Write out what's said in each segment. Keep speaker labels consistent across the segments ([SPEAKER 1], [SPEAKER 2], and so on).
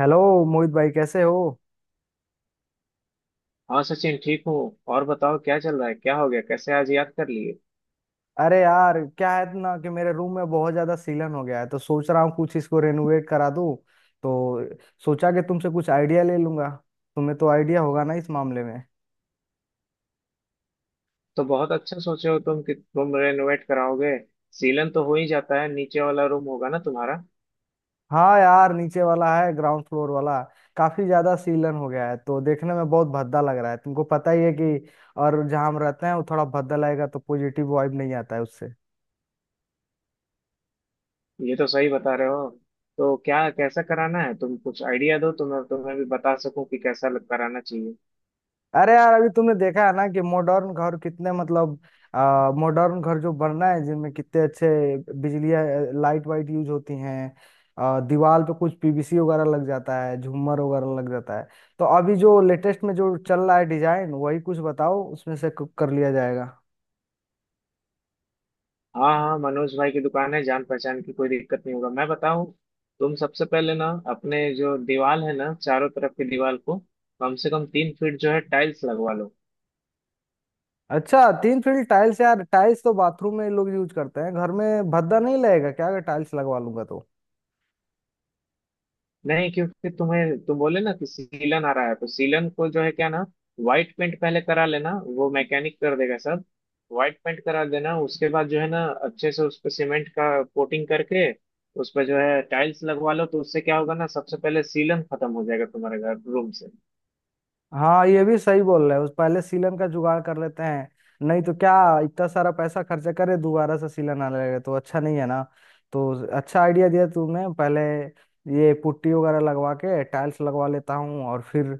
[SPEAKER 1] Hello. Mohit भाई कैसे हो।
[SPEAKER 2] हाँ सचिन, ठीक हूँ। और बताओ क्या चल रहा है, क्या हो गया, कैसे आज याद कर लिए।
[SPEAKER 1] अरे यार क्या है ना कि मेरे रूम में बहुत ज्यादा सीलन हो गया है तो सोच रहा हूँ कुछ इसको रेनोवेट करा दूँ तो सोचा कि तुमसे कुछ आइडिया ले लूंगा। तुम्हें तो आइडिया होगा ना इस मामले में।
[SPEAKER 2] तो बहुत अच्छा सोचे हो तुम, कि तुम रेनोवेट कराओगे। सीलन तो हो ही जाता है, नीचे वाला रूम होगा ना तुम्हारा।
[SPEAKER 1] हाँ यार, नीचे वाला है, ग्राउंड फ्लोर वाला। काफी ज्यादा सीलन हो गया है तो देखने में बहुत भद्दा लग रहा है, तुमको पता ही है कि। और जहाँ हम रहते हैं वो थोड़ा भद्दा लगेगा तो पॉजिटिव वाइब नहीं आता है उससे।
[SPEAKER 2] ये तो सही बता रहे हो। तो क्या कैसा कराना है, तुम कुछ आइडिया दो तो मैं तुम्हें भी बता सकूं कि कैसा कराना चाहिए।
[SPEAKER 1] अरे यार, अभी तुमने देखा है ना कि मॉडर्न घर कितने मतलब मॉडर्न घर जो बन रहा है जिनमें कितने अच्छे बिजली लाइट वाइट यूज होती हैं। दीवार पे कुछ पीवीसी वगैरह लग जाता है, झूमर वगैरह लग जाता है। तो अभी जो लेटेस्ट में जो चल रहा है डिजाइन, वही कुछ बताओ, उसमें से कर लिया जाएगा।
[SPEAKER 2] हाँ हाँ, मनोज भाई की दुकान है, जान पहचान की, कोई दिक्कत नहीं होगा, मैं बताऊं। तुम सबसे पहले ना अपने जो दीवार है ना, चारों तरफ की दीवार को कम से कम 3 फीट जो है टाइल्स लगवा लो।
[SPEAKER 1] अच्छा, 3 फील्ड टाइल्स? यार टाइल्स तो बाथरूम में लोग यूज करते हैं, घर में भद्दा नहीं लगेगा क्या अगर टाइल्स लगवा लूंगा तो।
[SPEAKER 2] नहीं, क्योंकि तुम्हें तुम बोले ना कि सीलन आ रहा है, तो सीलन को जो है क्या ना, व्हाइट पेंट पहले करा लेना, वो मैकेनिक कर देगा सब। व्हाइट पेंट करा देना, उसके बाद जो है ना अच्छे से उस पर सीमेंट का कोटिंग करके, उस पर जो है टाइल्स लगवा लो, तो उससे क्या होगा ना, सबसे पहले सीलन खत्म हो जाएगा तुम्हारे घर रूम से।
[SPEAKER 1] हाँ, ये भी सही बोल रहे हो, पहले सीलन का जुगाड़ कर लेते हैं। नहीं तो क्या, इतना सारा पैसा खर्चा करे दोबारा से सीलन आने लगे तो अच्छा नहीं है ना। तो अच्छा आइडिया दिया तुमने। पहले ये पुट्टी वगैरह लगवा के टाइल्स लगवा लेता हूँ, और फिर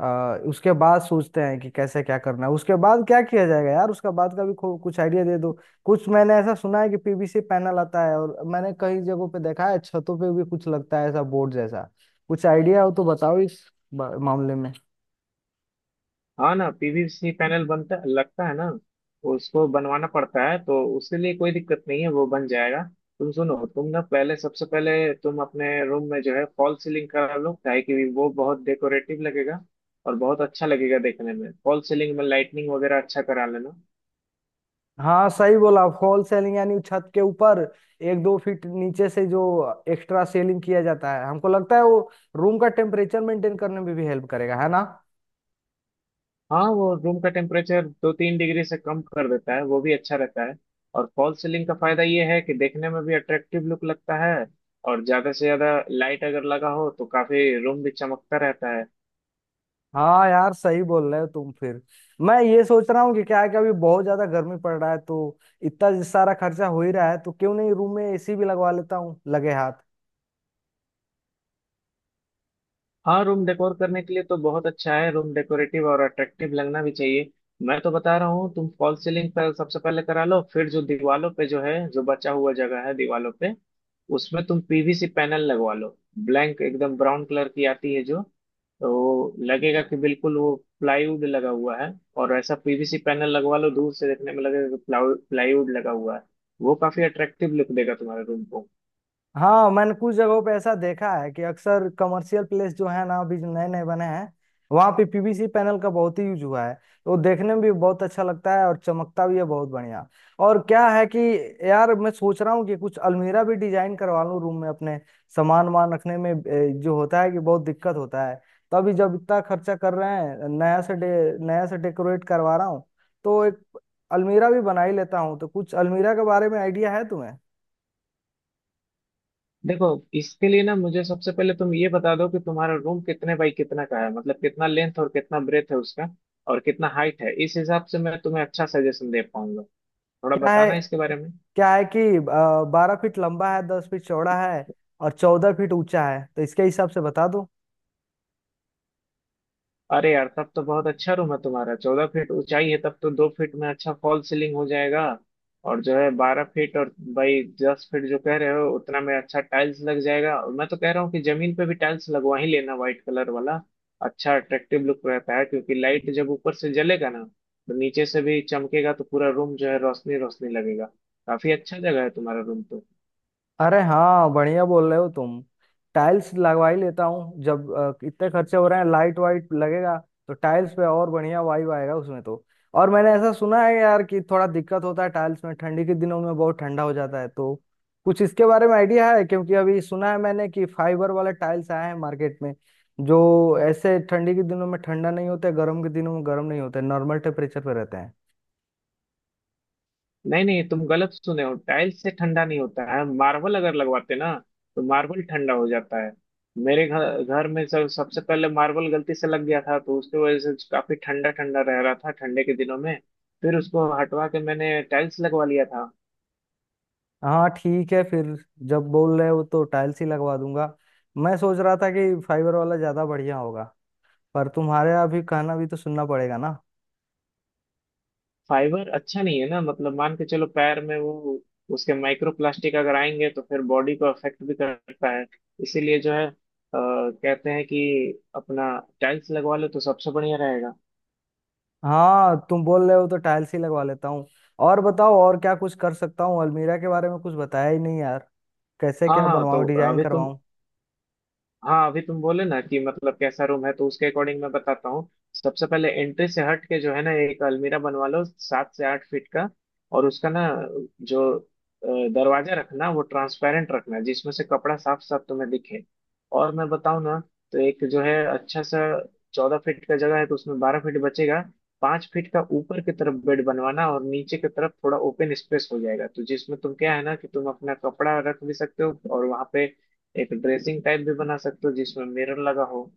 [SPEAKER 1] उसके बाद सोचते हैं कि कैसे क्या करना है। उसके बाद क्या किया जाएगा यार, उसका बाद का भी कुछ आइडिया दे दो। कुछ मैंने ऐसा सुना है कि पीवीसी पैनल आता है, और मैंने कई जगहों पे देखा है, छतों पे भी कुछ लगता है ऐसा बोर्ड जैसा। कुछ आइडिया हो तो बताओ इस मामले में।
[SPEAKER 2] हाँ ना, पीवीसी पैनल बनता लगता है ना, उसको बनवाना पड़ता है, तो उसके लिए कोई दिक्कत नहीं है, वो बन जाएगा। तुम सुनो, तुम ना पहले सबसे पहले तुम अपने रूम में जो है फॉल सीलिंग करा लो, ताकि कि वो बहुत डेकोरेटिव लगेगा, और बहुत अच्छा लगेगा देखने में। फॉल सीलिंग में लाइटनिंग वगैरह अच्छा करा लेना।
[SPEAKER 1] हाँ सही बोला, फॉल सेलिंग यानी छत के ऊपर 1-2 फीट नीचे से जो एक्स्ट्रा सेलिंग किया जाता है। हमको लगता है वो रूम का टेम्परेचर मेंटेन करने में भी हेल्प करेगा, है ना।
[SPEAKER 2] हाँ, वो रूम का टेम्परेचर 2 3 डिग्री से कम कर देता है, वो भी अच्छा रहता है। और फॉल्स सीलिंग का फायदा ये है कि देखने में भी अट्रैक्टिव लुक लगता है, और ज्यादा से ज्यादा लाइट अगर लगा हो तो काफी रूम भी चमकता रहता है।
[SPEAKER 1] हाँ यार सही बोल रहे हो तुम। फिर मैं ये सोच रहा हूँ कि क्या है कि अभी बहुत ज्यादा गर्मी पड़ रहा है, तो इतना सारा खर्चा हो ही रहा है तो क्यों नहीं रूम में एसी भी लगवा लेता हूँ लगे हाथ।
[SPEAKER 2] हाँ, रूम डेकोर करने के लिए तो बहुत अच्छा है, रूम डेकोरेटिव और अट्रैक्टिव लगना भी चाहिए। मैं तो बता रहा हूँ, तुम फॉल्स सीलिंग पर सबसे पहले करा लो, फिर जो दीवालों पे, जो है जो बचा हुआ जगह है दीवालों पे, उसमें तुम पीवीसी पैनल लगवा लो। ब्लैंक एकदम ब्राउन कलर की आती है जो, तो लगेगा कि बिल्कुल वो प्लाईवुड लगा हुआ है। और ऐसा पीवीसी पैनल लगवा लो, दूर से देखने में लगेगा कि प्लाईवुड लगा हुआ है। वो काफी अट्रैक्टिव लुक देगा तुम्हारे रूम को।
[SPEAKER 1] हाँ मैंने कुछ जगहों पे ऐसा देखा है कि अक्सर कमर्शियल प्लेस जो है ना अभी जो नए नए बने हैं, वहाँ पे पीवीसी पैनल का बहुत ही यूज हुआ है। तो देखने में भी बहुत अच्छा लगता है और चमकता भी है बहुत बढ़िया। और क्या है कि यार मैं सोच रहा हूँ कि कुछ अलमीरा भी डिजाइन करवा लूँ रूम में अपने। सामान वामान रखने में जो होता है कि बहुत दिक्कत होता है। तो अभी जब इतना खर्चा कर रहे हैं नया से डेकोरेट करवा रहा हूँ तो एक अलमीरा भी बना ही लेता हूँ। तो कुछ अलमीरा के बारे में आइडिया है तुम्हें।
[SPEAKER 2] देखो, इसके लिए ना मुझे सबसे पहले तुम ये बता दो कि तुम्हारा रूम कितने बाई कितना का है, मतलब कितना लेंथ और कितना ब्रेथ है उसका, और कितना हाइट है। इस हिसाब से मैं तुम्हें अच्छा सजेशन दे पाऊंगा। थोड़ा
[SPEAKER 1] क्या है,
[SPEAKER 2] बताना इसके बारे में।
[SPEAKER 1] क्या है कि 12 फीट लंबा है, 10 फीट चौड़ा है, और 14 फीट ऊंचा है, तो इसके हिसाब से बता दो।
[SPEAKER 2] अरे यार, तब तो बहुत अच्छा रूम है तुम्हारा, 14 फीट ऊंचाई है, तब तो 2 फीट में अच्छा फॉल सीलिंग हो जाएगा। और जो है 12 फीट और भाई 10 फीट जो कह रहे हो, उतना में अच्छा टाइल्स लग जाएगा, और मैं तो कह रहा हूँ कि जमीन पे भी टाइल्स लगवा ही लेना, व्हाइट कलर वाला। अच्छा अट्रैक्टिव लुक रहता है, क्योंकि लाइट जब ऊपर से जलेगा ना तो नीचे से भी चमकेगा, तो पूरा रूम जो है रोशनी रोशनी लगेगा। काफी अच्छा जगह है तुम्हारा रूम।
[SPEAKER 1] अरे हाँ बढ़िया बोल रहे हो तुम, टाइल्स लगवा ही लेता हूँ। जब इतने खर्चे हो रहे हैं, लाइट वाइट लगेगा तो टाइल्स पे और बढ़िया वाइब आएगा उसमें तो। और मैंने ऐसा सुना है यार कि थोड़ा दिक्कत होता है टाइल्स में, ठंडी के दिनों में बहुत ठंडा हो जाता है तो कुछ इसके बारे में आइडिया है? क्योंकि अभी सुना है मैंने कि फाइबर वाले टाइल्स आए हैं मार्केट में जो ऐसे ठंडी के दिनों में ठंडा नहीं होते, गर्म के दिनों में गर्म नहीं होते, नॉर्मल टेम्परेचर पे रहते हैं।
[SPEAKER 2] नहीं नहीं, तुम गलत सुने हो, टाइल्स से ठंडा नहीं होता है, मार्बल अगर लगवाते ना तो मार्बल ठंडा हो जाता है। मेरे घर घर में सब सबसे पहले मार्बल गलती से लग गया था, तो उसकी वजह से काफी ठंडा ठंडा रह रहा था ठंडे के दिनों में। फिर उसको हटवा के मैंने टाइल्स लगवा लिया था।
[SPEAKER 1] हाँ ठीक है फिर, जब बोल रहे हो तो टाइल्स ही लगवा दूंगा। मैं सोच रहा था कि फाइबर वाला ज्यादा बढ़िया होगा, पर तुम्हारे अभी कहना भी तो सुनना पड़ेगा ना।
[SPEAKER 2] फाइबर अच्छा नहीं है ना, मतलब मान के चलो पैर में वो उसके माइक्रो प्लास्टिक अगर आएंगे तो फिर बॉडी को अफेक्ट भी करता है। इसीलिए जो है कहते हैं कि अपना टाइल्स लगवा लो तो सबसे बढ़िया रहेगा।
[SPEAKER 1] हाँ तुम बोल रहे हो तो टाइल्स ही लगवा लेता हूँ। और बताओ और क्या कुछ कर सकता हूँ, अलमीरा के बारे में कुछ बताया ही नहीं यार। कैसे
[SPEAKER 2] हाँ
[SPEAKER 1] क्या
[SPEAKER 2] हाँ। तो
[SPEAKER 1] बनवाऊँ, डिजाइन
[SPEAKER 2] अभी तुम
[SPEAKER 1] करवाऊँ।
[SPEAKER 2] हाँ अभी तुम बोले ना कि मतलब कैसा रूम है, तो उसके अकॉर्डिंग मैं बताता हूँ। सबसे पहले एंट्री से हट के जो है ना, एक अलमीरा बनवा लो 7 से 8 फीट का। और उसका ना, जो दरवाजा रखना, वो ट्रांसपेरेंट रखना, जिसमें से कपड़ा साफ साफ तुम्हें दिखे। और मैं बताऊँ ना, तो एक जो है अच्छा सा, 14 फीट का जगह है तो उसमें 12 फीट बचेगा। 5 फीट का ऊपर की तरफ बेड बनवाना, और नीचे की तरफ थोड़ा ओपन स्पेस हो जाएगा, तो जिसमें तुम, क्या है ना, कि तुम अपना कपड़ा रख भी सकते हो, और वहां पे एक ड्रेसिंग टाइप भी बना सकते हो जिसमें मिरर लगा हो।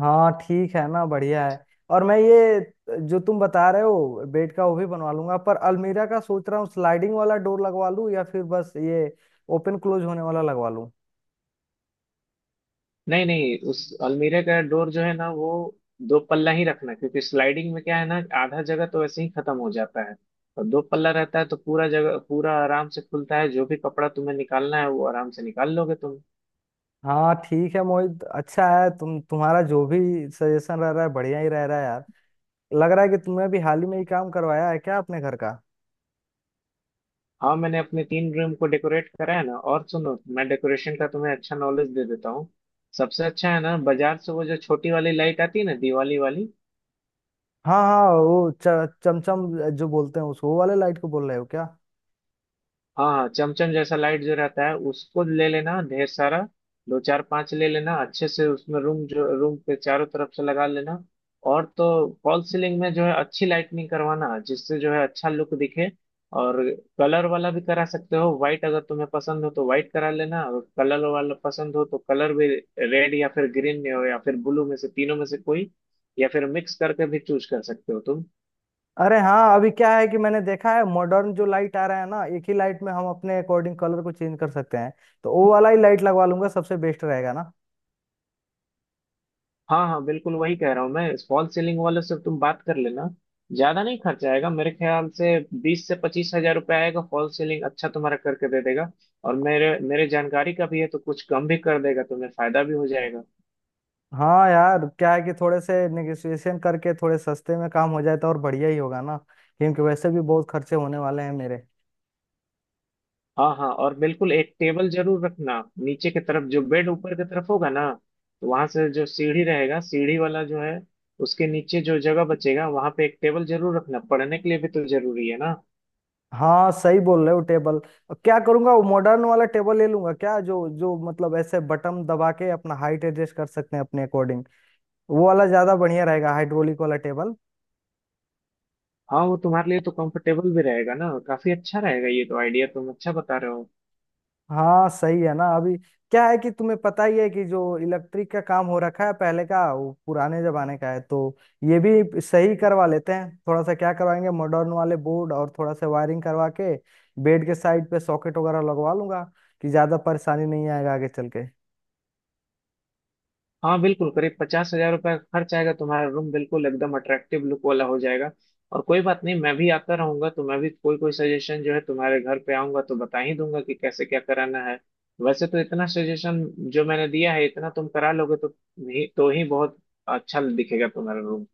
[SPEAKER 1] हाँ ठीक है ना, बढ़िया है। और मैं ये जो तुम बता रहे हो बेड का वो भी बनवा लूंगा, पर अलमीरा का सोच रहा हूँ स्लाइडिंग वाला डोर लगवा लूँ या फिर बस ये ओपन क्लोज होने वाला लगवा लूँ।
[SPEAKER 2] नहीं नहीं, उस अलमीरे का डोर जो है ना, वो दो पल्ला ही रखना, क्योंकि स्लाइडिंग में क्या है ना, आधा जगह तो वैसे ही खत्म हो जाता है। और दो पल्ला रहता है तो पूरा जगह, पूरा आराम से खुलता है, जो भी कपड़ा तुम्हें निकालना है वो आराम से निकाल लोगे तुम।
[SPEAKER 1] हाँ ठीक है मोहित, अच्छा है, तुम्हारा जो भी सजेशन रह रहा है बढ़िया ही रह रहा है यार। लग रहा है कि तुमने भी हाल ही में ही काम करवाया है क्या अपने घर का।
[SPEAKER 2] हाँ, मैंने अपने 3 रूम को डेकोरेट करा है ना, और सुनो, मैं डेकोरेशन का तुम्हें अच्छा नॉलेज दे देता हूँ। सबसे अच्छा है ना, बाजार से वो जो छोटी वाली लाइट आती है ना, दिवाली वाली।
[SPEAKER 1] हाँ हाँ वो चमचम जो बोलते हैं उसको, वो वाले लाइट को बोल रहे हो क्या।
[SPEAKER 2] हाँ हाँ, चमचम जैसा लाइट जो रहता है उसको ले लेना ढेर सारा, दो चार पांच ले लेना अच्छे से, उसमें रूम, जो रूम पे चारों तरफ से लगा लेना। और तो फॉल सीलिंग में जो है अच्छी लाइटनिंग करवाना, जिससे जो है अच्छा लुक दिखे। और कलर वाला भी करा सकते हो, व्हाइट अगर तुम्हें पसंद हो तो व्हाइट करा लेना, और कलर वाला पसंद हो तो कलर भी, रेड या फिर ग्रीन में हो या फिर ब्लू में से, तीनों में से कोई, या फिर मिक्स करके भी चूज कर सकते हो तुम।
[SPEAKER 1] अरे हाँ, अभी क्या है कि मैंने देखा है मॉडर्न जो लाइट आ रहा है ना, एक ही लाइट में हम अपने अकॉर्डिंग कलर को चेंज कर सकते हैं। तो वो वाला ही लाइट लगवा लूंगा, सबसे बेस्ट रहेगा ना।
[SPEAKER 2] हाँ हाँ बिल्कुल, वही कह रहा हूँ मैं। फॉल सीलिंग वाले से तुम बात कर लेना, ज्यादा नहीं खर्चा आएगा, मेरे ख्याल से 20 से 25 हजार रुपया आएगा, फॉल सीलिंग अच्छा तुम्हारा करके दे देगा। और मेरे मेरे जानकारी का भी है, तो कुछ कम भी कर देगा, तुम्हें फायदा भी हो जाएगा।
[SPEAKER 1] हाँ यार क्या है कि थोड़े से नेगोशिएशन करके थोड़े सस्ते में काम हो जाए तो और बढ़िया ही होगा ना, क्योंकि वैसे भी बहुत खर्चे होने वाले हैं मेरे।
[SPEAKER 2] हाँ हाँ, और बिल्कुल एक टेबल जरूर रखना। नीचे की तरफ जो बेड ऊपर की तरफ होगा ना, तो वहां से जो सीढ़ी रहेगा, सीढ़ी वाला जो है उसके नीचे जो जगह बचेगा, वहां पे एक टेबल जरूर रखना, पढ़ने के लिए भी तो जरूरी है ना।
[SPEAKER 1] हाँ सही बोल रहे हो टेबल। क्या करूंगा, वो मॉडर्न वाला टेबल ले लूंगा क्या, जो जो मतलब ऐसे बटन दबा के अपना हाइट एडजस्ट कर सकते हैं अपने अकॉर्डिंग। वो वाला ज्यादा बढ़िया रहेगा, हाइड्रोलिक वाला टेबल।
[SPEAKER 2] हाँ, वो तुम्हारे लिए तो कंफर्टेबल भी रहेगा ना, काफी अच्छा रहेगा, ये तो आइडिया तुम अच्छा बता रहे हो।
[SPEAKER 1] हाँ सही है ना। अभी क्या है कि तुम्हें पता ही है कि जो इलेक्ट्रिक का काम हो रखा है पहले का, वो पुराने जमाने का है, तो ये भी सही करवा लेते हैं। थोड़ा सा क्या करवाएंगे, मॉडर्न वाले बोर्ड और थोड़ा सा वायरिंग करवा के बेड के साइड पे सॉकेट वगैरह लगवा लूंगा कि ज्यादा परेशानी नहीं आएगा आगे चल के।
[SPEAKER 2] हाँ बिल्कुल, करीब 50 हजार रुपये खर्च आएगा, तुम्हारा रूम बिल्कुल एकदम अट्रैक्टिव लुक वाला हो जाएगा। और कोई बात नहीं, मैं भी आता रहूंगा तो मैं भी कोई कोई सजेशन जो है, तुम्हारे घर पे आऊंगा तो बता ही दूंगा कि कैसे क्या कराना है। वैसे तो इतना सजेशन जो मैंने दिया है, इतना तुम करा लोगे तो ही, तो ही बहुत अच्छा दिखेगा तुम्हारा रूम।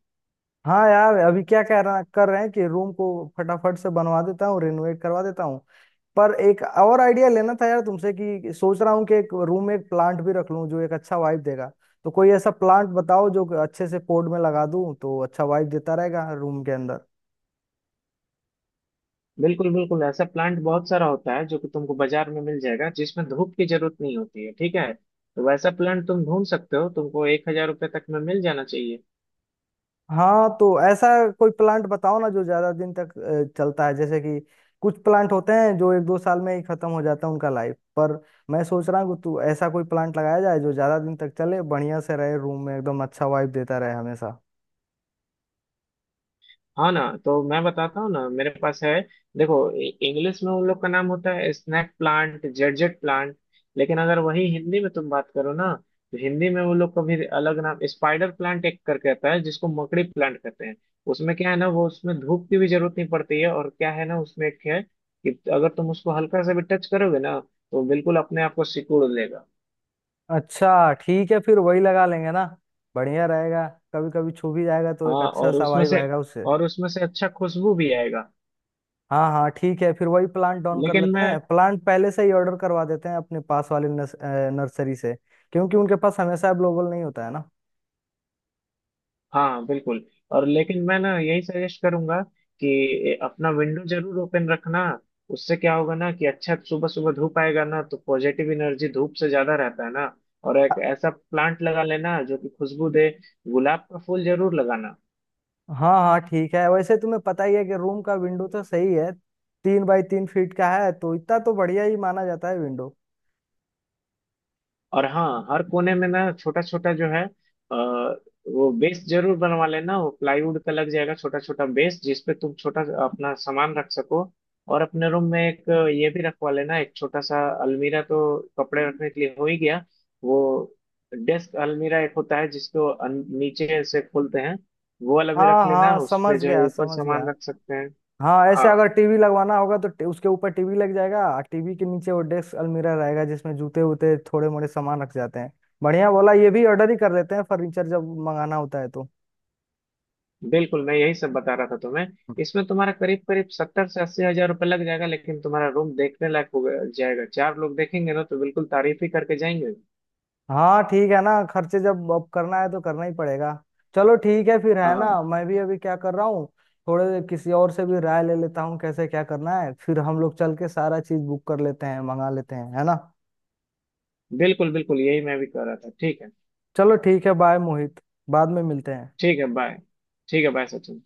[SPEAKER 1] हाँ यार, अभी क्या कह रहा कर रहे हैं कि रूम को फटाफट से बनवा देता हूँ, रिनोवेट करवा देता हूँ। पर एक और आइडिया लेना था यार तुमसे, कि सोच रहा हूँ कि एक रूम में एक प्लांट भी रख लूँ जो एक अच्छा वाइब देगा। तो कोई ऐसा प्लांट बताओ जो अच्छे से पॉट में लगा दूँ तो अच्छा वाइब देता रहेगा रूम के अंदर।
[SPEAKER 2] बिल्कुल बिल्कुल, ऐसा प्लांट बहुत सारा होता है जो कि तुमको बाजार में मिल जाएगा, जिसमें धूप की जरूरत नहीं होती है, ठीक है, तो वैसा प्लांट तुम ढूंढ सकते हो, तुमको 1 हजार रुपये तक में मिल जाना चाहिए।
[SPEAKER 1] हाँ तो ऐसा कोई प्लांट बताओ ना जो ज्यादा दिन तक चलता है। जैसे कि कुछ प्लांट होते हैं जो 1-2 साल में ही खत्म हो जाता है उनका लाइफ, पर मैं सोच रहा हूँ कि तू ऐसा कोई प्लांट लगाया जाए जो ज्यादा दिन तक चले, बढ़िया से रहे रूम में, एकदम अच्छा वाइब देता रहे हमेशा।
[SPEAKER 2] हाँ ना, तो मैं बताता हूँ ना, मेरे पास है। देखो, इंग्लिश में उन लोग का नाम होता है स्नैक प्लांट, जेडजेट प्लांट। लेकिन अगर वही हिंदी में तुम बात करो ना, तो हिंदी में वो लोग का भी अलग नाम, स्पाइडर प्लांट एक करके आता है, जिसको मकड़ी प्लांट कहते हैं। उसमें क्या है ना, वो उसमें धूप की भी जरूरत नहीं पड़ती है, और क्या है ना, उसमें एक है कि अगर तुम उसको हल्का सा भी टच करोगे ना तो बिल्कुल अपने आप को सिकुड़ लेगा।
[SPEAKER 1] अच्छा ठीक है, फिर वही लगा लेंगे ना, बढ़िया रहेगा। कभी कभी छू भी जाएगा तो एक
[SPEAKER 2] हाँ,
[SPEAKER 1] अच्छा सा वाइब आएगा उससे।
[SPEAKER 2] और उसमें से अच्छा खुशबू भी आएगा।
[SPEAKER 1] हाँ हाँ ठीक है, फिर वही प्लांट डाउन कर
[SPEAKER 2] लेकिन
[SPEAKER 1] लेते
[SPEAKER 2] मैं
[SPEAKER 1] हैं। प्लांट पहले से ही ऑर्डर करवा देते हैं अपने पास वाले नर्सरी से, क्योंकि उनके पास हमेशा अवेलेबल नहीं होता है ना।
[SPEAKER 2] हाँ बिल्कुल। और लेकिन मैं ना, यही सजेस्ट करूंगा कि अपना विंडो जरूर ओपन रखना। उससे क्या होगा ना, कि अच्छा सुबह सुबह धूप आएगा ना, तो पॉजिटिव एनर्जी धूप से ज्यादा रहता है ना। और एक ऐसा प्लांट लगा लेना जो कि खुशबू दे, गुलाब का फूल जरूर लगाना।
[SPEAKER 1] हाँ हाँ ठीक है, वैसे तुम्हें पता ही है कि रूम का विंडो तो सही है, 3x3 फीट का है, तो इतना तो बढ़िया ही माना जाता है विंडो।
[SPEAKER 2] और हाँ, हर कोने में ना छोटा छोटा जो है वो बेस जरूर बनवा लेना, वो प्लाईवुड का लग जाएगा, छोटा छोटा बेस जिसपे तुम छोटा सा अपना सामान रख सको। और अपने रूम में एक ये भी रखवा लेना, एक छोटा सा अलमीरा तो कपड़े रखने के लिए हो ही गया। वो डेस्क अलमीरा एक होता है जिसको नीचे से खोलते हैं, वो वाला भी
[SPEAKER 1] हाँ
[SPEAKER 2] रख लेना,
[SPEAKER 1] हाँ
[SPEAKER 2] उस
[SPEAKER 1] समझ
[SPEAKER 2] पे जो है
[SPEAKER 1] गया
[SPEAKER 2] ऊपर
[SPEAKER 1] समझ गया
[SPEAKER 2] सामान रख सकते हैं।
[SPEAKER 1] हाँ ऐसे
[SPEAKER 2] हाँ
[SPEAKER 1] अगर टीवी लगवाना होगा तो उसके ऊपर टीवी लग जाएगा, और टीवी के नीचे वो डेस्क अलमीरा रहेगा जिसमें जूते वूते थोड़े मोड़े सामान रख जाते हैं। बढ़िया बोला, ये भी ऑर्डर ही कर लेते हैं फर्नीचर जब मंगाना होता है तो।
[SPEAKER 2] बिल्कुल, मैं यही सब बता रहा था तुम्हें। इसमें तुम्हारा करीब करीब 70 से 80 हजार रुपये लग जाएगा, लेकिन तुम्हारा रूम देखने लायक हो जाएगा, चार लोग देखेंगे ना तो बिल्कुल तारीफ ही करके जाएंगे।
[SPEAKER 1] हाँ ठीक है ना, खर्चे जब अब करना है तो करना ही पड़ेगा। चलो ठीक है फिर है
[SPEAKER 2] हाँ
[SPEAKER 1] ना,
[SPEAKER 2] हाँ।
[SPEAKER 1] मैं भी अभी क्या कर रहा हूँ, थोड़े किसी और से भी राय ले लेता हूँ कैसे क्या करना है, फिर हम लोग चल के सारा चीज बुक कर लेते हैं मंगा लेते हैं है ना।
[SPEAKER 2] बिल्कुल बिल्कुल, यही मैं भी कह रहा था, ठीक है।
[SPEAKER 1] चलो ठीक है बाय मोहित, बाद में मिलते हैं।
[SPEAKER 2] ठीक है, बाय। ठीक है, बाय सचिन।